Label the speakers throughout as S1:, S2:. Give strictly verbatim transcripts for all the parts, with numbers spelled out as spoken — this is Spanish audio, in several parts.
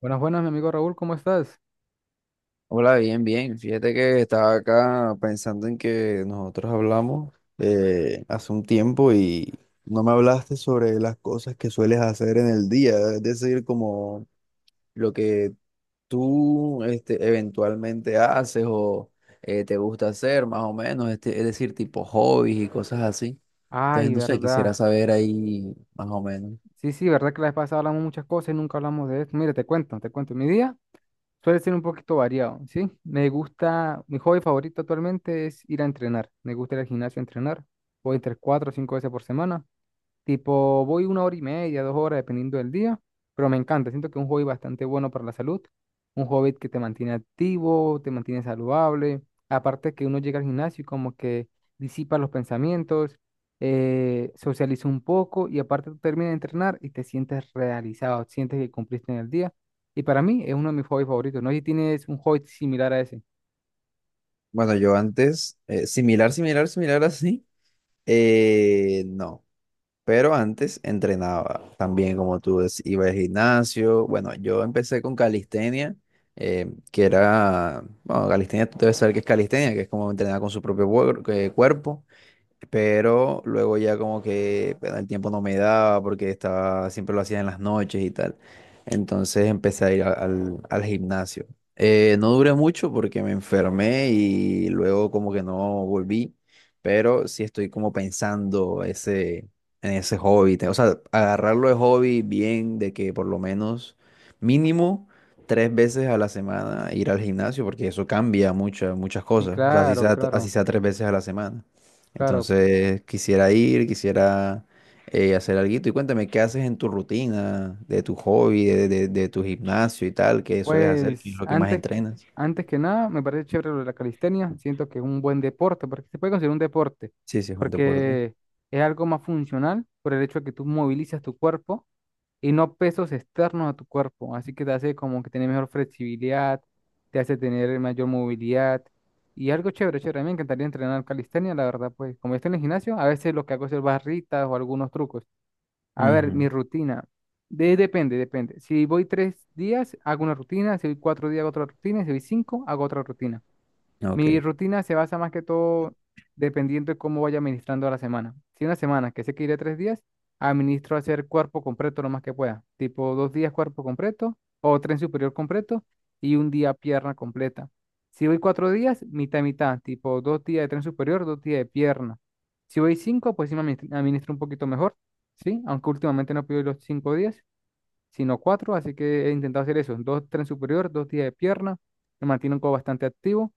S1: Buenas, buenas, mi amigo Raúl, ¿cómo estás?
S2: Hola, bien, bien. Fíjate que estaba acá pensando en que nosotros hablamos eh, hace un tiempo y no me hablaste sobre las cosas que sueles hacer en el día, es decir, como lo que tú este, eventualmente haces o eh, te gusta hacer, más o menos, este, es decir, tipo hobbies y cosas así. Entonces,
S1: Ay,
S2: no sé, quisiera
S1: verdad.
S2: saber ahí más o menos.
S1: Sí, sí, verdad que la vez pasada hablamos muchas cosas y nunca hablamos de esto. Mire, te cuento, te cuento. Mi día suele ser un poquito variado, ¿sí? Me gusta, mi hobby favorito actualmente es ir a entrenar. Me gusta ir al gimnasio a entrenar. Voy entre cuatro o cinco veces por semana. Tipo, voy una hora y media, dos horas, dependiendo del día, pero me encanta. Siento que es un hobby bastante bueno para la salud. Un hobby que te mantiene activo, te mantiene saludable. Aparte que uno llega al gimnasio y como que disipa los pensamientos, eh, socializa un poco y aparte tú terminas de entrenar y te sientes realizado, sientes que cumpliste en el día. Y para mí es uno de mis hobbies favoritos. No sé si tienes un hobby similar a ese.
S2: Bueno, yo antes, eh, similar, similar, similar así, eh, no. Pero antes entrenaba también, como tú decías, iba al gimnasio. Bueno, yo empecé con calistenia, eh, que era, bueno, calistenia, tú debes saber qué es calistenia, que es como entrenar con su propio cuer- eh, cuerpo, pero luego ya como que bueno, el tiempo no me daba porque estaba, siempre lo hacía en las noches y tal. Entonces empecé a ir a- al, al gimnasio. Eh, no duré mucho porque me enfermé y luego como que no volví, pero sí estoy como pensando ese, en ese hobby. te- O sea, agarrarlo de hobby bien, de que por lo menos mínimo tres veces a la semana ir al gimnasio, porque eso cambia muchas, muchas
S1: Sí,
S2: cosas. O sea, así
S1: claro,
S2: sea, así
S1: claro,
S2: sea tres veces a la semana.
S1: claro.
S2: Entonces quisiera ir, quisiera eh, hacer algo. Y cuéntame, ¿qué haces en tu rutina, de tu hobby, de, de- de tu gimnasio y tal? ¿Qué sueles hacer? ¿Qué es
S1: Pues
S2: lo que más
S1: antes,
S2: entrenas?
S1: antes que nada, me parece chévere lo de la calistenia. Siento que es un buen deporte, porque se puede considerar un deporte,
S2: Sí, sí, es un deporte.
S1: porque es algo más funcional por el hecho de que tú movilizas tu cuerpo y no pesos externos a tu cuerpo. Así que te hace como que tener mejor flexibilidad, te hace tener mayor movilidad y algo chévere, chévere. A mí me encantaría entrenar calistenia, la verdad, pues como yo estoy en el gimnasio, a veces lo que hago es hacer barritas o algunos trucos. A ver, mi rutina. De- depende, depende. Si voy tres días, hago una rutina. Si voy cuatro días, hago otra rutina. Si voy cinco, hago otra rutina.
S2: Ujú, ok.
S1: Mi rutina se basa más que todo dependiendo de cómo vaya administrando la semana. Si una semana que sé que iré tres días, administro hacer cuerpo completo lo más que pueda. Tipo dos días cuerpo completo o tren superior completo y un día pierna completa. Si voy cuatro días, mitad y mitad. Tipo dos días de tren superior, dos días de pierna. Si voy cinco, pues sí me administ- administro un poquito mejor, ¿sí? Aunque últimamente no pido los cinco días, sino cuatro, así que he intentado hacer eso. Dos tren superior, dos días de pierna. Me mantiene un poco bastante activo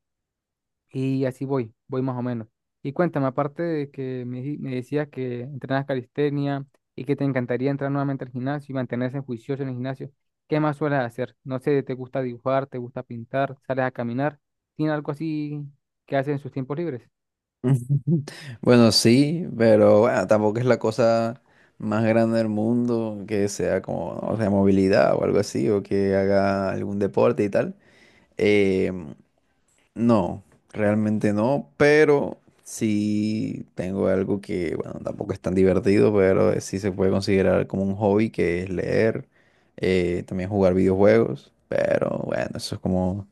S1: y así voy, voy más o menos. Y cuéntame, aparte de que me, di- me decías que entrenas calistenia y que te encantaría entrar nuevamente al gimnasio y mantenerse juicioso en el gimnasio, ¿qué más sueles hacer? No sé, ¿te gusta dibujar, te gusta pintar, sales a caminar? ¿Tiene algo así que haces en sus tiempos libres?
S2: Bueno, sí, pero bueno, tampoco es la cosa más grande del mundo que sea como, o sea, movilidad o algo así, o que haga algún deporte y tal. Em, No, realmente no, pero sí tengo algo que, bueno, tampoco es tan divertido, pero eh, sí se puede considerar como un hobby, que es leer, eh, también jugar videojuegos, pero bueno, eso es como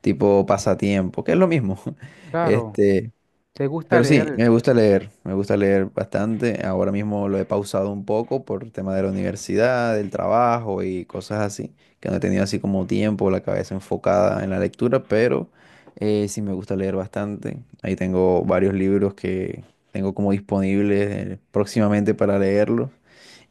S2: tipo pasatiempo, que es lo mismo.
S1: Claro,
S2: Este,
S1: ¿te gusta
S2: pero sí,
S1: leer?
S2: me gusta leer, me gusta leer bastante. Ahora mismo lo he pausado un poco por tema de la universidad, del trabajo y cosas así, que no he tenido así como tiempo, la cabeza enfocada en la lectura, pero eh, sí me gusta leer bastante. Ahí tengo varios libros que tengo como disponibles eh, próximamente para leerlos.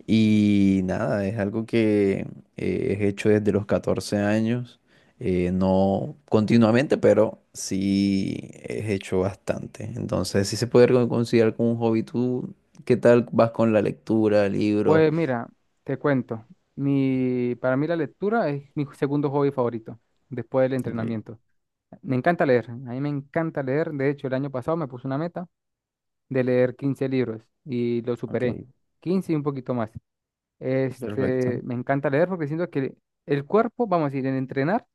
S2: Y nada, es algo que eh, he hecho desde los catorce años, eh, no continuamente, pero sí he hecho bastante. Entonces, sí se puede con- considerar como un hobby. ¿Tú qué tal vas con la lectura, libros?
S1: Pues mira, te cuento. Mi, para mí la lectura es mi segundo hobby favorito después del
S2: Ok,
S1: entrenamiento. Me encanta leer, a mí me encanta leer. De hecho, el año pasado me puse una meta de leer quince libros y lo
S2: ok,
S1: superé. Quince y un poquito más. Este,
S2: perfecto.
S1: me encanta leer porque siento que el cuerpo, vamos a decir, en entrenar,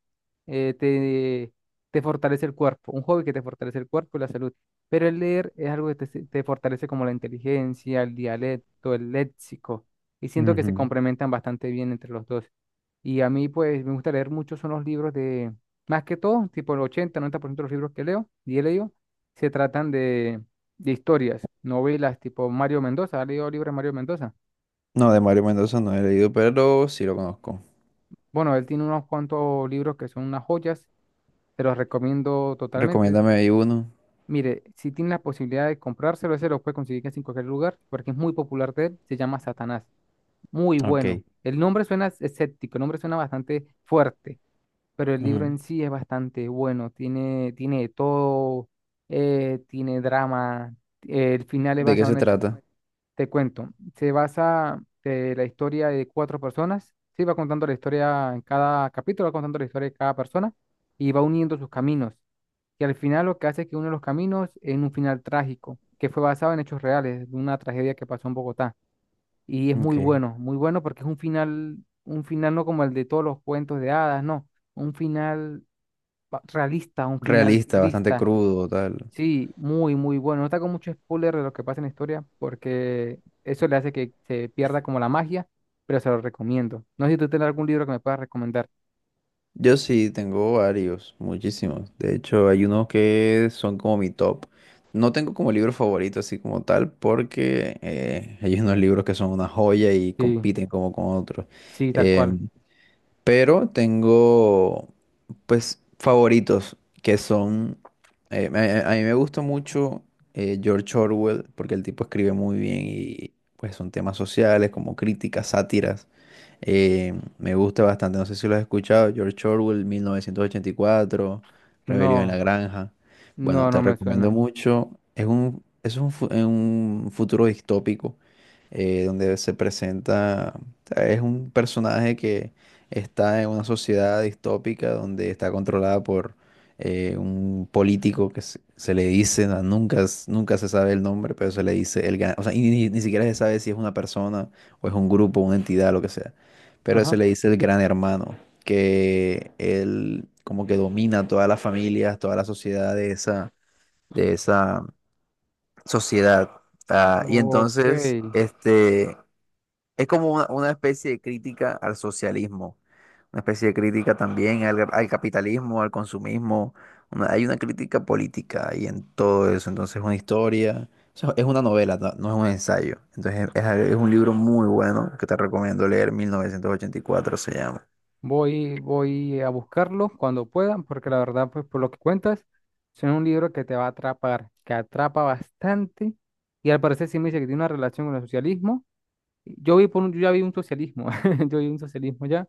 S1: eh, te, te fortalece el cuerpo, un hobby que te fortalece el cuerpo y la salud. Pero el leer es algo que te, se- te fortalece como la inteligencia, el dialecto, el léxico. Y siento que se
S2: Ujú.
S1: complementan bastante bien entre los dos. Y a mí, pues, me gusta leer mucho, son los libros de, más que todo, tipo el ochenta, noventa por ciento de los libros que leo y he leído, se tratan de, de historias, novelas tipo Mario Mendoza. ¿Has leído libros de Mario Mendoza?
S2: No, de Mario Mendoza no he leído, pero sí lo conozco.
S1: Bueno, él tiene unos cuantos libros que son unas joyas, te los recomiendo totalmente.
S2: Recomiéndame ahí uno.
S1: Mire, si tiene la posibilidad de comprárselo, ese lo puede conseguir casi en cualquier lugar, porque es muy popular de él, se llama Satanás. Muy bueno.
S2: Ok.
S1: El nombre suena escéptico, el nombre suena bastante fuerte, pero el libro
S2: Ujú.
S1: en sí es bastante bueno, tiene, tiene de todo, eh, tiene drama, eh, el final es
S2: ¿De qué
S1: basado
S2: se
S1: en hechos.
S2: trata?
S1: Te cuento, se basa de la historia de cuatro personas, sí, va contando la historia en cada capítulo, va contando la historia de cada persona y va uniendo sus caminos. Y al final lo que hace es que une los caminos en un final trágico, que fue basado en hechos reales, de una tragedia que pasó en Bogotá. Y es muy
S2: Ok.
S1: bueno, muy bueno porque es un final, un final no como el de todos los cuentos de hadas, no, un final pa- realista, un final
S2: Realista, bastante
S1: triste.
S2: crudo, tal.
S1: Sí, muy, muy bueno. No te hago mucho spoiler de lo que pasa en la historia porque eso le hace que se pierda como la magia, pero se lo recomiendo. No sé si tú tienes algún libro que me puedas recomendar.
S2: Yo sí tengo varios, muchísimos. De hecho, hay unos que son como mi top. No tengo como libro favorito así como tal, porque eh, hay unos libros que son una joya y
S1: Sí,
S2: compiten como con otros.
S1: sí, tal cual.
S2: Em, pero tengo, pues, favoritos que son... eh, me- a, a mí me gusta mucho eh, George Orwell, porque el tipo escribe muy bien y pues son temas sociales como críticas, sátiras. Eh, me gusta bastante, no sé si lo has escuchado, George Orwell, mil novecientos ochenta y cuatro, Rebelión en la
S1: No,
S2: Granja. Bueno,
S1: no, no
S2: te
S1: me
S2: recomiendo
S1: suena.
S2: mucho. Es un, es un, fu- es un futuro distópico eh, donde se presenta, o sea, es un personaje que está en una sociedad distópica donde está controlada por eh, un político que se, se le dice, no, nunca, s- nunca se sabe el nombre, pero se le dice el gan- o sea, y ni, ni siquiera se sabe si es una persona o es un grupo, una entidad, lo que sea. Pero
S1: Ajá.
S2: se le dice el gran hermano, que él como que domina todas las familias, toda la sociedad de esa, de esa sociedad. Ah, y
S1: Ok.
S2: entonces, este, es como una, una especie de crítica al socialismo, una especie de crítica también al, al capitalismo, al consumismo. una- hay una crítica política ahí en todo eso. Entonces es una historia, o sea, es una novela, no, no es un ensayo. Entonces es, es un libro muy bueno que te recomiendo leer, mil novecientos ochenta y cuatro se llama.
S1: Voy, voy a buscarlo cuando pueda porque la verdad, pues por lo que cuentas, suena un libro que te va a atrapar, que atrapa bastante y al parecer sí me dice que tiene una relación con el socialismo. Yo vi por un, yo ya vi un socialismo, yo vi un socialismo ya.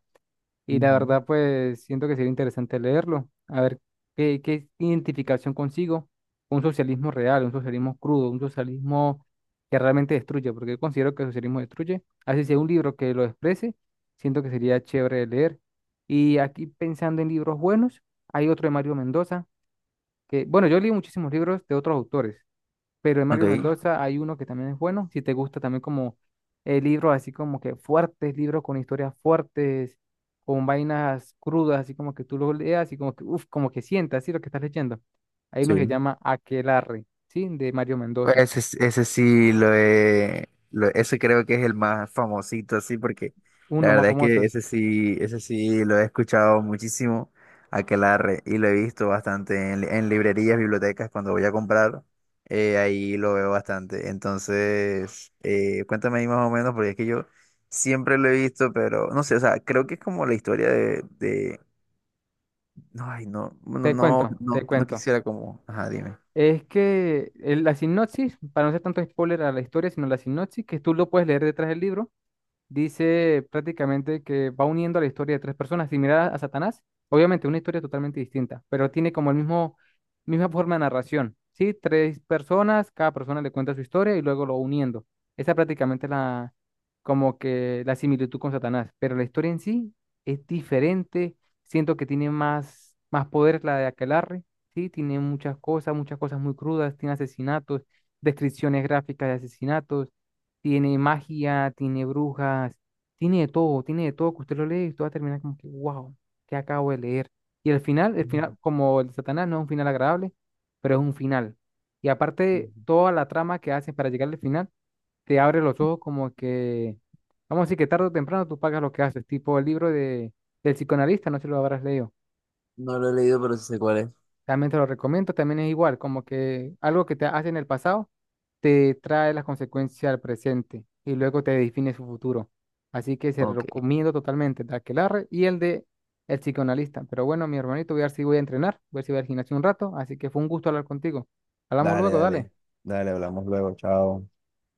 S1: Y la
S2: Ujú.
S1: verdad, pues siento que sería interesante leerlo, a ver qué, qué identificación consigo con un socialismo real, un socialismo crudo, un socialismo que realmente destruye, porque yo considero que el socialismo destruye. Así sea un libro que lo exprese, siento que sería chévere de leer. Y aquí pensando en libros buenos, hay otro de Mario Mendoza, que, bueno, yo leí muchísimos libros de otros autores, pero de Mario
S2: Ok.
S1: Mendoza hay uno que también es bueno, si te gusta también como eh, libros así como que fuertes, libros con historias fuertes, con vainas crudas, así como que tú lo leas y como que, uf, como que sientas, así lo que estás leyendo. Hay uno que se
S2: Sí.
S1: llama Aquelarre, ¿sí? De Mario Mendoza,
S2: Pues Ese, ese sí lo he, lo- ese creo que es el más famosito así porque
S1: uno de
S2: la
S1: los más
S2: verdad es que
S1: famosos.
S2: ese sí, ese sí lo he escuchado muchísimo, aquelarre, y lo he visto bastante en, li- en librerías, bibliotecas cuando voy a comprar, eh, ahí lo veo bastante. Entonces, eh, cuéntame ahí más o menos porque es que yo siempre lo he visto, pero no sé, o sea, creo que es como la historia de, de, no, ay, no, no,
S1: Te
S2: no,
S1: cuento,
S2: no,
S1: te
S2: no
S1: cuento.
S2: quisiera como, ajá, dime.
S1: Es que el- la sinopsis, para no ser tanto spoiler a la historia, sino la sinopsis, que tú lo puedes leer detrás del libro dice prácticamente que va uniendo la historia de tres personas similar a Satanás. Obviamente, una historia totalmente distinta, pero tiene como el mismo, misma forma de narración. Sí, tres personas, cada persona le cuenta su historia y luego lo va uniendo. Esa prácticamente es la, como que la similitud con Satanás, pero la historia en sí es diferente. Siento que tiene más, más poder la de Aquelarre, sí, tiene muchas cosas, muchas cosas muy crudas, tiene asesinatos, descripciones gráficas de asesinatos, tiene magia, tiene brujas, tiene de todo, tiene de todo que usted lo lee y usted va a terminar como que, wow, ¿qué acabo de leer? Y el final, el final, como el de Satanás, no es un final agradable, pero es un final. Y aparte,
S2: Ujú.
S1: toda la trama que hacen para llegar al final, te abre los ojos como que, vamos a decir que tarde o temprano tú pagas lo que haces, tipo el libro de, del psicoanalista, no sé si lo habrás leído.
S2: No lo he leído, pero sí sé cuál es.
S1: También te lo recomiendo, también es igual, como que algo que te hace en el pasado te trae las consecuencias al presente y luego te define su futuro. Así que se lo
S2: Ok.
S1: recomiendo totalmente el de Aquelarre y el de El Psicoanalista. Pero bueno, mi hermanito, voy a ver si voy a entrenar, voy a ver si voy al gimnasio un rato, así que fue un gusto hablar contigo. Hablamos
S2: Dale,
S1: luego, dale.
S2: dale, dale, hablamos luego, chao.